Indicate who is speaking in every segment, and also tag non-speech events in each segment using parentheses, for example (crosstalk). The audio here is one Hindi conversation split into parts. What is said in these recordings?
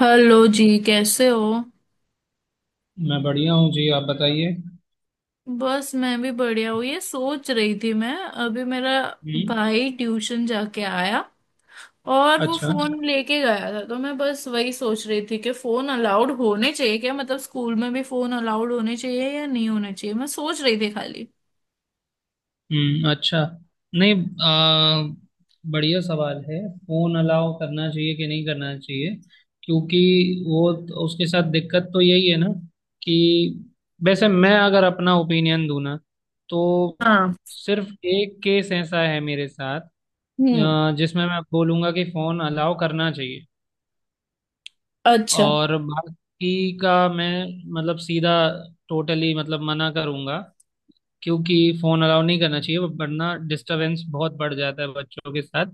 Speaker 1: हेलो जी, कैसे हो?
Speaker 2: मैं बढ़िया हूँ जी। आप बताइए।
Speaker 1: बस मैं भी बढ़िया हूँ। ये सोच रही थी मैं। अभी मेरा
Speaker 2: हम्म।
Speaker 1: भाई ट्यूशन जाके आया और वो
Speaker 2: अच्छा।
Speaker 1: फोन लेके गया था तो मैं बस वही सोच रही थी कि फोन अलाउड होने चाहिए क्या। मतलब स्कूल में भी फोन अलाउड होने चाहिए या नहीं होने चाहिए, मैं सोच रही थी खाली।
Speaker 2: हम्म। अच्छा। नहीं। आ, बढ़िया सवाल है। फोन अलाउ करना चाहिए कि नहीं करना चाहिए, क्योंकि उसके साथ दिक्कत तो यही है ना कि वैसे मैं अगर अपना ओपिनियन दूं ना, तो
Speaker 1: हाँ।
Speaker 2: सिर्फ एक केस ऐसा है मेरे साथ,
Speaker 1: हम्म।
Speaker 2: जिसमें मैं बोलूंगा कि फोन अलाउ करना चाहिए।
Speaker 1: अच्छा।
Speaker 2: और बाकी का मैं मतलब सीधा, टोटली मतलब मना करूंगा, क्योंकि फोन अलाउ नहीं करना चाहिए, वरना डिस्टरबेंस बहुत बढ़ जाता है बच्चों के साथ।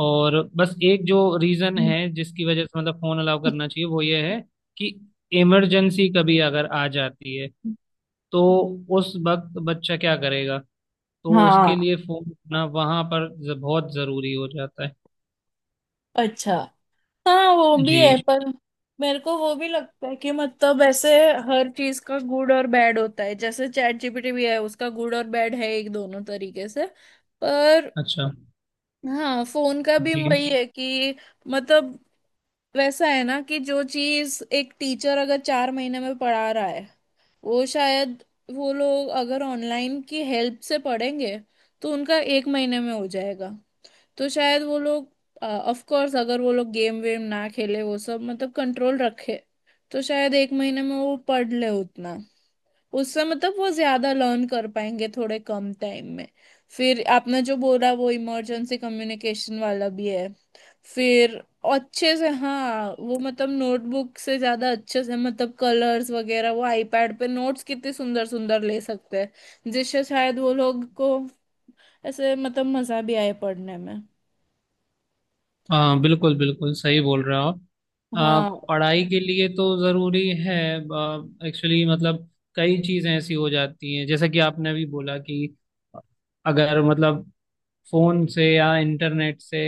Speaker 2: और बस एक जो रीजन है जिसकी वजह से मतलब फोन अलाउ करना चाहिए वो ये है कि इमरजेंसी कभी अगर आ जाती है, तो उस वक्त बच्चा क्या करेगा। तो
Speaker 1: हाँ।
Speaker 2: उसके लिए फोन ना वहां पर बहुत जरूरी हो जाता है।
Speaker 1: अच्छा। हाँ वो भी
Speaker 2: जी।
Speaker 1: है पर मेरे को वो भी लगता है कि मतलब ऐसे हर चीज का गुड और बैड होता है, जैसे चैट जीपीटी भी है, उसका गुड और बैड है एक दोनों तरीके से। पर
Speaker 2: अच्छा।
Speaker 1: हाँ, फोन का भी
Speaker 2: जी।
Speaker 1: वही है कि मतलब वैसा है ना कि जो चीज एक टीचर अगर 4 महीने में पढ़ा रहा है, वो शायद वो लोग अगर ऑनलाइन की हेल्प से पढ़ेंगे तो उनका एक महीने में हो जाएगा। तो शायद वो लोग ऑफ कोर्स अगर वो लोग गेम वेम ना खेले, वो सब मतलब कंट्रोल रखे तो शायद एक महीने में वो पढ़ ले उतना। उससे मतलब वो ज्यादा लर्न कर पाएंगे थोड़े कम टाइम में। फिर आपने जो बोला वो इमरजेंसी कम्युनिकेशन वाला भी है। फिर अच्छे से हाँ वो मतलब नोटबुक से ज्यादा अच्छे से मतलब कलर्स वगैरह वो आईपैड पे नोट्स कितने सुंदर सुंदर ले सकते हैं जिससे शायद वो लोग को ऐसे मतलब मजा भी आए पढ़ने में।
Speaker 2: हाँ बिल्कुल बिल्कुल सही बोल रहे हो आप। आ,
Speaker 1: हाँ।
Speaker 2: पढ़ाई के लिए तो ज़रूरी है एक्चुअली। मतलब कई चीज़ें ऐसी हो जाती हैं, जैसा कि आपने अभी बोला कि अगर मतलब फ़ोन से या इंटरनेट से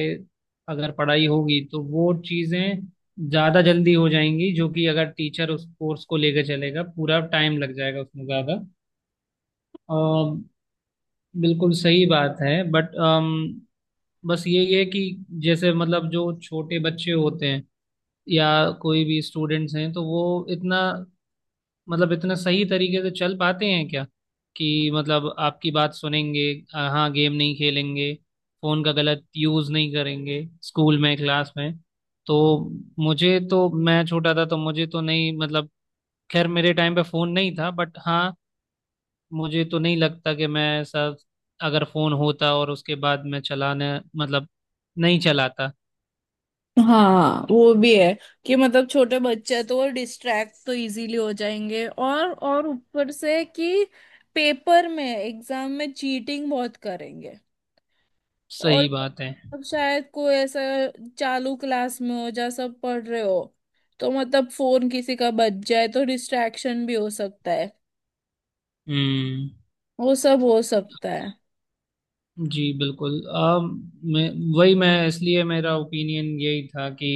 Speaker 2: अगर पढ़ाई होगी तो वो चीज़ें ज़्यादा जल्दी हो जाएंगी, जो कि अगर टीचर उस कोर्स को लेकर चलेगा पूरा टाइम लग जाएगा उसमें ज़्यादा। अ, बिल्कुल सही बात है, बट बस ये है कि जैसे मतलब जो छोटे बच्चे होते हैं या कोई भी स्टूडेंट्स हैं, तो वो इतना मतलब इतना सही तरीके से चल पाते हैं क्या, कि मतलब आपकी बात सुनेंगे, हाँ गेम नहीं खेलेंगे, फोन का गलत यूज नहीं करेंगे स्कूल में क्लास में। तो मुझे तो मैं छोटा था तो मुझे तो नहीं मतलब, खैर मेरे टाइम पे फोन नहीं था, बट हाँ मुझे तो नहीं लगता कि मैं ऐसा, अगर फोन होता और उसके बाद मैं चलाने मतलब नहीं चलाता।
Speaker 1: हाँ वो भी है कि मतलब छोटे बच्चे हैं तो वो डिस्ट्रैक्ट तो इजीली हो जाएंगे और ऊपर से कि पेपर में एग्जाम में चीटिंग बहुत करेंगे।
Speaker 2: सही
Speaker 1: और
Speaker 2: बात है।
Speaker 1: अब शायद कोई ऐसा चालू क्लास में हो जहाँ सब पढ़ रहे हो तो मतलब फोन किसी का बज जाए तो डिस्ट्रैक्शन भी हो सकता है।
Speaker 2: हम्म।
Speaker 1: वो सब हो सकता है।
Speaker 2: जी बिल्कुल। मैं वही, मैं इसलिए मेरा ओपिनियन यही था कि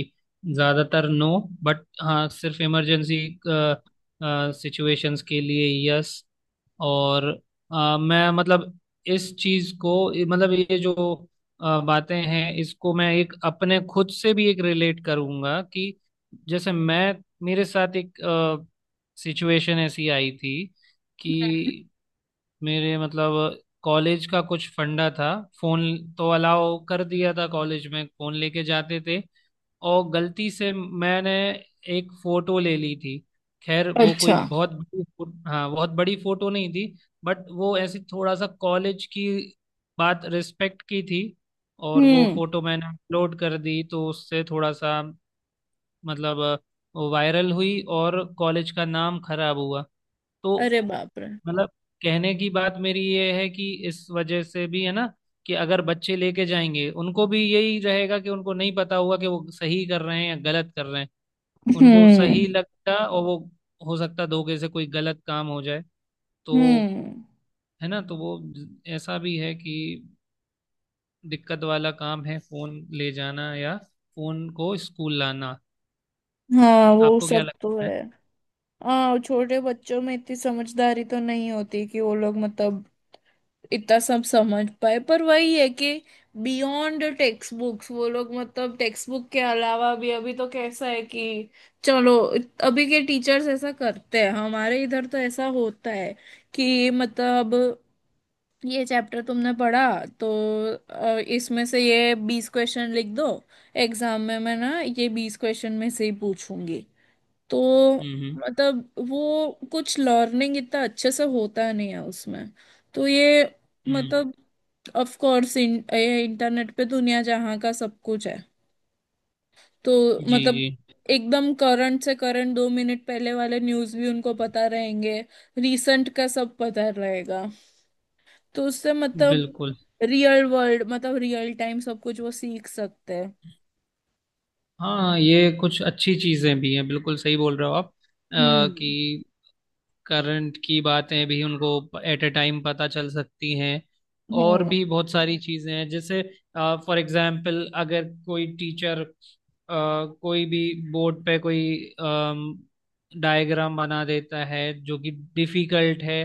Speaker 2: ज़्यादातर नो, बट हाँ सिर्फ इमरजेंसी सिचुएशंस के लिए यस। और मैं मतलब इस चीज़ को, मतलब ये जो बातें हैं इसको मैं एक अपने खुद से भी एक रिलेट करूँगा कि जैसे मैं, मेरे साथ एक सिचुएशन ऐसी आई थी कि मेरे मतलब कॉलेज का कुछ फंडा था, फोन तो अलाउ कर दिया था, कॉलेज में फोन लेके जाते थे। और गलती से मैंने एक फोटो ले ली थी, खैर वो कोई
Speaker 1: अच्छा।
Speaker 2: हाँ बहुत बड़ी फोटो नहीं थी, बट वो ऐसी थोड़ा सा कॉलेज की बात रिस्पेक्ट की थी, और वो
Speaker 1: हम्म।
Speaker 2: फोटो मैंने अपलोड कर दी, तो उससे थोड़ा सा मतलब वायरल हुई और कॉलेज का नाम खराब हुआ। तो
Speaker 1: अरे बाप रे।
Speaker 2: मतलब कहने की बात मेरी ये है कि इस वजह से भी है ना कि अगर बच्चे लेके जाएंगे उनको भी यही रहेगा कि उनको नहीं पता होगा कि वो सही कर रहे हैं या गलत कर रहे हैं, उनको
Speaker 1: हम्म
Speaker 2: सही लगता और वो हो सकता धोखे से कोई गलत काम हो जाए। तो
Speaker 1: हम्म।
Speaker 2: है ना, तो वो ऐसा भी है कि दिक्कत वाला काम है फोन ले जाना या फोन को स्कूल लाना।
Speaker 1: हाँ वो
Speaker 2: आपको क्या
Speaker 1: सब तो
Speaker 2: लगता है?
Speaker 1: है। हाँ और छोटे बच्चों में इतनी समझदारी तो नहीं होती कि वो लोग मतलब इतना सब समझ पाए, पर वही है कि बियॉन्ड टेक्स्ट बुक्स वो लोग मतलब टेक्स्ट बुक के अलावा भी अभी तो कैसा है कि चलो अभी के टीचर्स ऐसा करते हैं। हमारे इधर तो ऐसा होता है कि मतलब ये चैप्टर तुमने पढ़ा तो इसमें से ये 20 क्वेश्चन लिख दो, एग्जाम में मैं ना ये 20 क्वेश्चन में से ही पूछूंगी। तो
Speaker 2: हम्म। हम्म।
Speaker 1: मतलब वो कुछ लर्निंग इतना अच्छे से होता नहीं है उसमें। तो ये
Speaker 2: हम्म।
Speaker 1: मतलब ऑफ कोर्स इंटरनेट पे दुनिया जहाँ का सब कुछ है तो
Speaker 2: जी
Speaker 1: मतलब
Speaker 2: जी
Speaker 1: एकदम करंट से करंट 2 मिनट पहले वाले न्यूज़ भी उनको पता रहेंगे। रीसेंट का सब पता रहेगा। तो उससे मतलब
Speaker 2: बिल्कुल।
Speaker 1: रियल वर्ल्ड मतलब रियल टाइम सब कुछ वो सीख सकते हैं।
Speaker 2: हाँ, ये कुछ अच्छी चीजें भी हैं, बिल्कुल सही बोल रहे हो आप।
Speaker 1: हम्म।
Speaker 2: कि करंट की बातें भी उनको एट ए टाइम पता चल सकती हैं। और
Speaker 1: हम्म।
Speaker 2: भी बहुत सारी चीजें हैं, जैसे फॉर एग्जाम्पल अगर कोई टीचर, कोई भी, बोर्ड पे कोई डायग्राम बना देता है जो कि डिफिकल्ट है,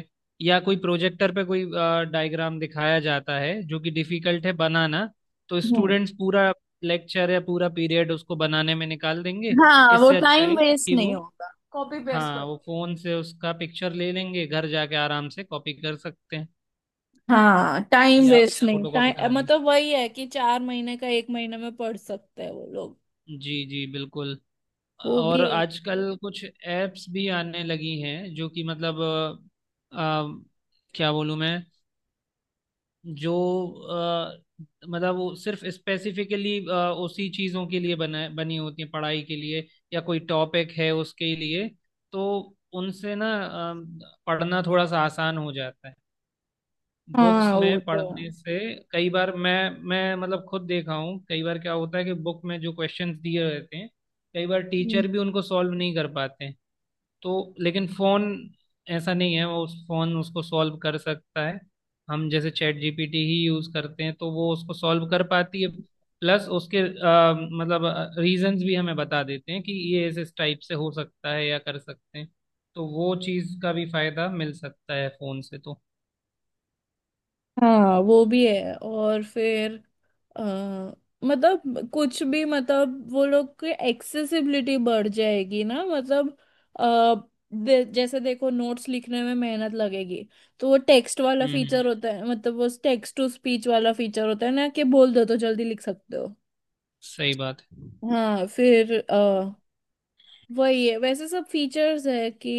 Speaker 2: या कोई प्रोजेक्टर पे कोई डायग्राम दिखाया जाता है जो कि डिफिकल्ट है बनाना, तो
Speaker 1: हम्म।
Speaker 2: स्टूडेंट्स पूरा लेक्चर या पूरा पीरियड उसको बनाने में निकाल देंगे।
Speaker 1: हाँ वो
Speaker 2: इससे अच्छा
Speaker 1: टाइम
Speaker 2: है
Speaker 1: वेस्ट
Speaker 2: कि
Speaker 1: नहीं
Speaker 2: वो,
Speaker 1: होगा कॉपी पेस्ट।
Speaker 2: हाँ वो फोन से उसका पिक्चर ले लेंगे, घर जाके आराम से कॉपी कर सकते हैं,
Speaker 1: हाँ टाइम
Speaker 2: या
Speaker 1: वेस्ट नहीं
Speaker 2: फोटो कॉपी करा
Speaker 1: टाइम
Speaker 2: लेंगे।
Speaker 1: मतलब वही है कि 4 महीने का एक महीने में पढ़ सकते हैं वो लोग।
Speaker 2: जी जी बिल्कुल।
Speaker 1: वो
Speaker 2: और
Speaker 1: भी है।
Speaker 2: आजकल कुछ एप्स भी आने लगी हैं जो कि मतलब क्या बोलूँ मैं, जो अ, मतलब वो सिर्फ स्पेसिफिकली उसी चीज़ों के लिए बना बनी होती है, पढ़ाई के लिए या कोई टॉपिक है उसके लिए। तो उनसे ना पढ़ना थोड़ा सा आसान हो जाता है बुक्स
Speaker 1: हाँ वो
Speaker 2: में
Speaker 1: तो
Speaker 2: पढ़ने
Speaker 1: है।
Speaker 2: से। कई बार मैं मतलब खुद देखा हूँ, कई बार क्या होता है कि बुक में जो क्वेश्चंस दिए रहते हैं कई बार
Speaker 1: हम्म।
Speaker 2: टीचर भी उनको सॉल्व नहीं कर पाते हैं। तो लेकिन फोन ऐसा नहीं है, वो उस फोन उसको सॉल्व कर सकता है। हम जैसे चैट जीपीटी ही यूज करते हैं, तो वो उसको सॉल्व कर पाती है। प्लस उसके मतलब रीजंस भी हमें बता देते हैं कि ये इस टाइप से हो सकता है या कर सकते हैं। तो वो चीज़ का भी फायदा मिल सकता है फोन से तो।
Speaker 1: हाँ वो भी है और फिर अ, मतलब कुछ भी मतलब वो लोग की एक्सेसिबिलिटी बढ़ जाएगी ना। मतलब अ, जैसे देखो नोट्स लिखने में मेहनत लगेगी तो वो टेक्स्ट वाला
Speaker 2: हम्म हम्म,
Speaker 1: फीचर होता है मतलब वो टेक्स्ट टू स्पीच वाला फीचर होता है ना कि बोल दो तो जल्दी लिख सकते हो।
Speaker 2: सही बात है।
Speaker 1: हाँ फिर वही है, वैसे सब फीचर्स है कि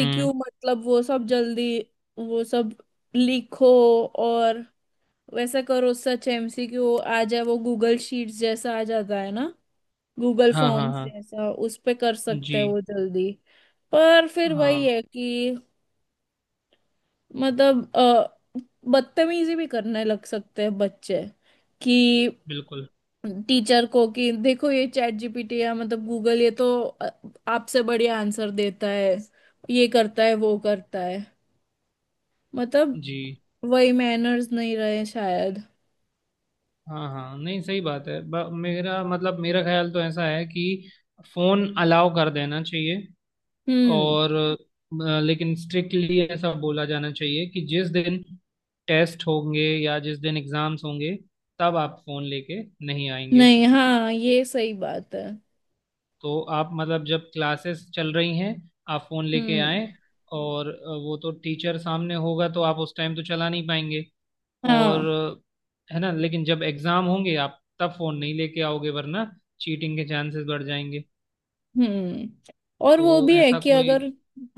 Speaker 2: हम्म।
Speaker 1: मतलब वो सब जल्दी वो सब लिखो, और वैसा करो सच एमसीक्यू आ जाए वो गूगल शीट्स जैसा आ जाता है ना, गूगल
Speaker 2: हाँ हाँ
Speaker 1: फॉर्म्स
Speaker 2: हाँ।
Speaker 1: जैसा, उस पे कर सकते हैं
Speaker 2: जी।
Speaker 1: वो जल्दी। पर फिर वही
Speaker 2: हाँ
Speaker 1: है कि मतलब बदतमीजी भी करने लग सकते हैं बच्चे कि
Speaker 2: बिल्कुल।
Speaker 1: टीचर को कि देखो ये चैट जीपीटी या मतलब गूगल ये तो आपसे बढ़िया आंसर देता है, ये करता है वो करता है, मतलब
Speaker 2: जी।
Speaker 1: वही मैनर्स नहीं रहे शायद।
Speaker 2: हाँ हाँ, नहीं सही बात है। मेरा मतलब मेरा ख्याल तो ऐसा है कि फोन अलाउ कर देना चाहिए।
Speaker 1: हम्म।
Speaker 2: और लेकिन स्ट्रिक्टली ऐसा बोला जाना चाहिए कि जिस दिन टेस्ट होंगे या जिस दिन एग्जाम्स होंगे, तब आप फोन लेके नहीं आएंगे।
Speaker 1: नहीं, हाँ ये सही बात है।
Speaker 2: तो आप मतलब जब क्लासेस चल रही हैं आप फोन लेके
Speaker 1: हम्म।
Speaker 2: आए, और वो तो टीचर सामने होगा तो आप उस टाइम तो चला नहीं पाएंगे। और
Speaker 1: हाँ।
Speaker 2: है ना, लेकिन जब एग्जाम होंगे आप तब फोन नहीं लेके आओगे, वरना चीटिंग के चांसेस बढ़ जाएंगे।
Speaker 1: हम्म। और
Speaker 2: तो
Speaker 1: वो भी है
Speaker 2: ऐसा
Speaker 1: कि
Speaker 2: कोई।
Speaker 1: अगर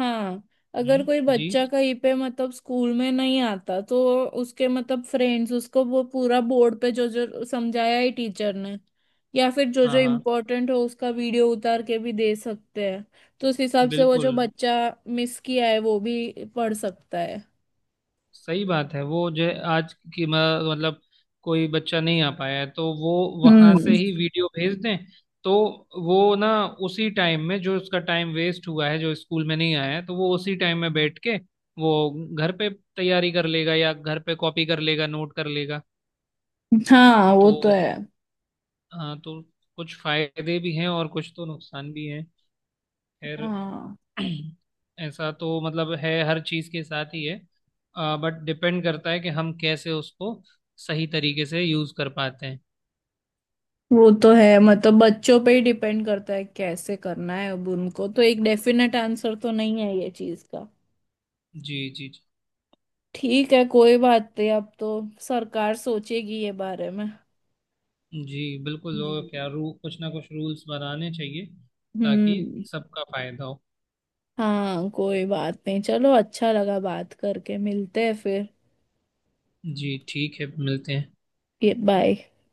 Speaker 1: हाँ, अगर
Speaker 2: हम्म।
Speaker 1: कोई
Speaker 2: जी।
Speaker 1: बच्चा कहीं पे मतलब स्कूल में नहीं आता तो उसके मतलब फ्रेंड्स उसको वो पूरा बोर्ड पे जो जो समझाया है टीचर ने या फिर जो जो
Speaker 2: हाँ हाँ
Speaker 1: इम्पोर्टेंट हो उसका वीडियो उतार के भी दे सकते हैं, तो उस हिसाब से वो
Speaker 2: बिल्कुल
Speaker 1: जो बच्चा मिस किया है वो भी पढ़ सकता है।
Speaker 2: सही बात है। वो जो है आज की मतलब कोई बच्चा नहीं आ पाया है तो वो वहां
Speaker 1: हम्म।
Speaker 2: से ही वीडियो भेज दें, तो वो ना उसी टाइम में, जो उसका टाइम वेस्ट हुआ है, जो स्कूल में नहीं आया है, तो वो उसी टाइम में बैठ के वो घर पे तैयारी कर लेगा, या घर पे कॉपी कर लेगा, नोट कर लेगा।
Speaker 1: हाँ वो
Speaker 2: तो
Speaker 1: तो है।
Speaker 2: हाँ, तो कुछ फायदे भी हैं और कुछ तो नुकसान भी हैं। खैर
Speaker 1: हाँ
Speaker 2: (clears throat) ऐसा तो मतलब है, हर चीज़ के साथ ही है। बट डिपेंड करता है कि हम कैसे उसको सही तरीके से यूज़ कर पाते हैं।
Speaker 1: वो तो है, मतलब बच्चों पे ही डिपेंड करता है कैसे करना है अब उनको, तो एक डेफिनेट आंसर तो नहीं है ये चीज का।
Speaker 2: जी जी जी।
Speaker 1: ठीक है, कोई बात नहीं, अब तो सरकार सोचेगी ये बारे में।
Speaker 2: जी बिल्कुल।
Speaker 1: जी
Speaker 2: और
Speaker 1: जी।
Speaker 2: क्या रू कुछ ना कुछ रूल्स बनाने चाहिए, ताकि
Speaker 1: हम्म।
Speaker 2: सबका फायदा हो।
Speaker 1: हाँ कोई बात नहीं, चलो अच्छा लगा बात करके, मिलते हैं फिर।
Speaker 2: जी ठीक है, मिलते हैं।
Speaker 1: ये, बाय।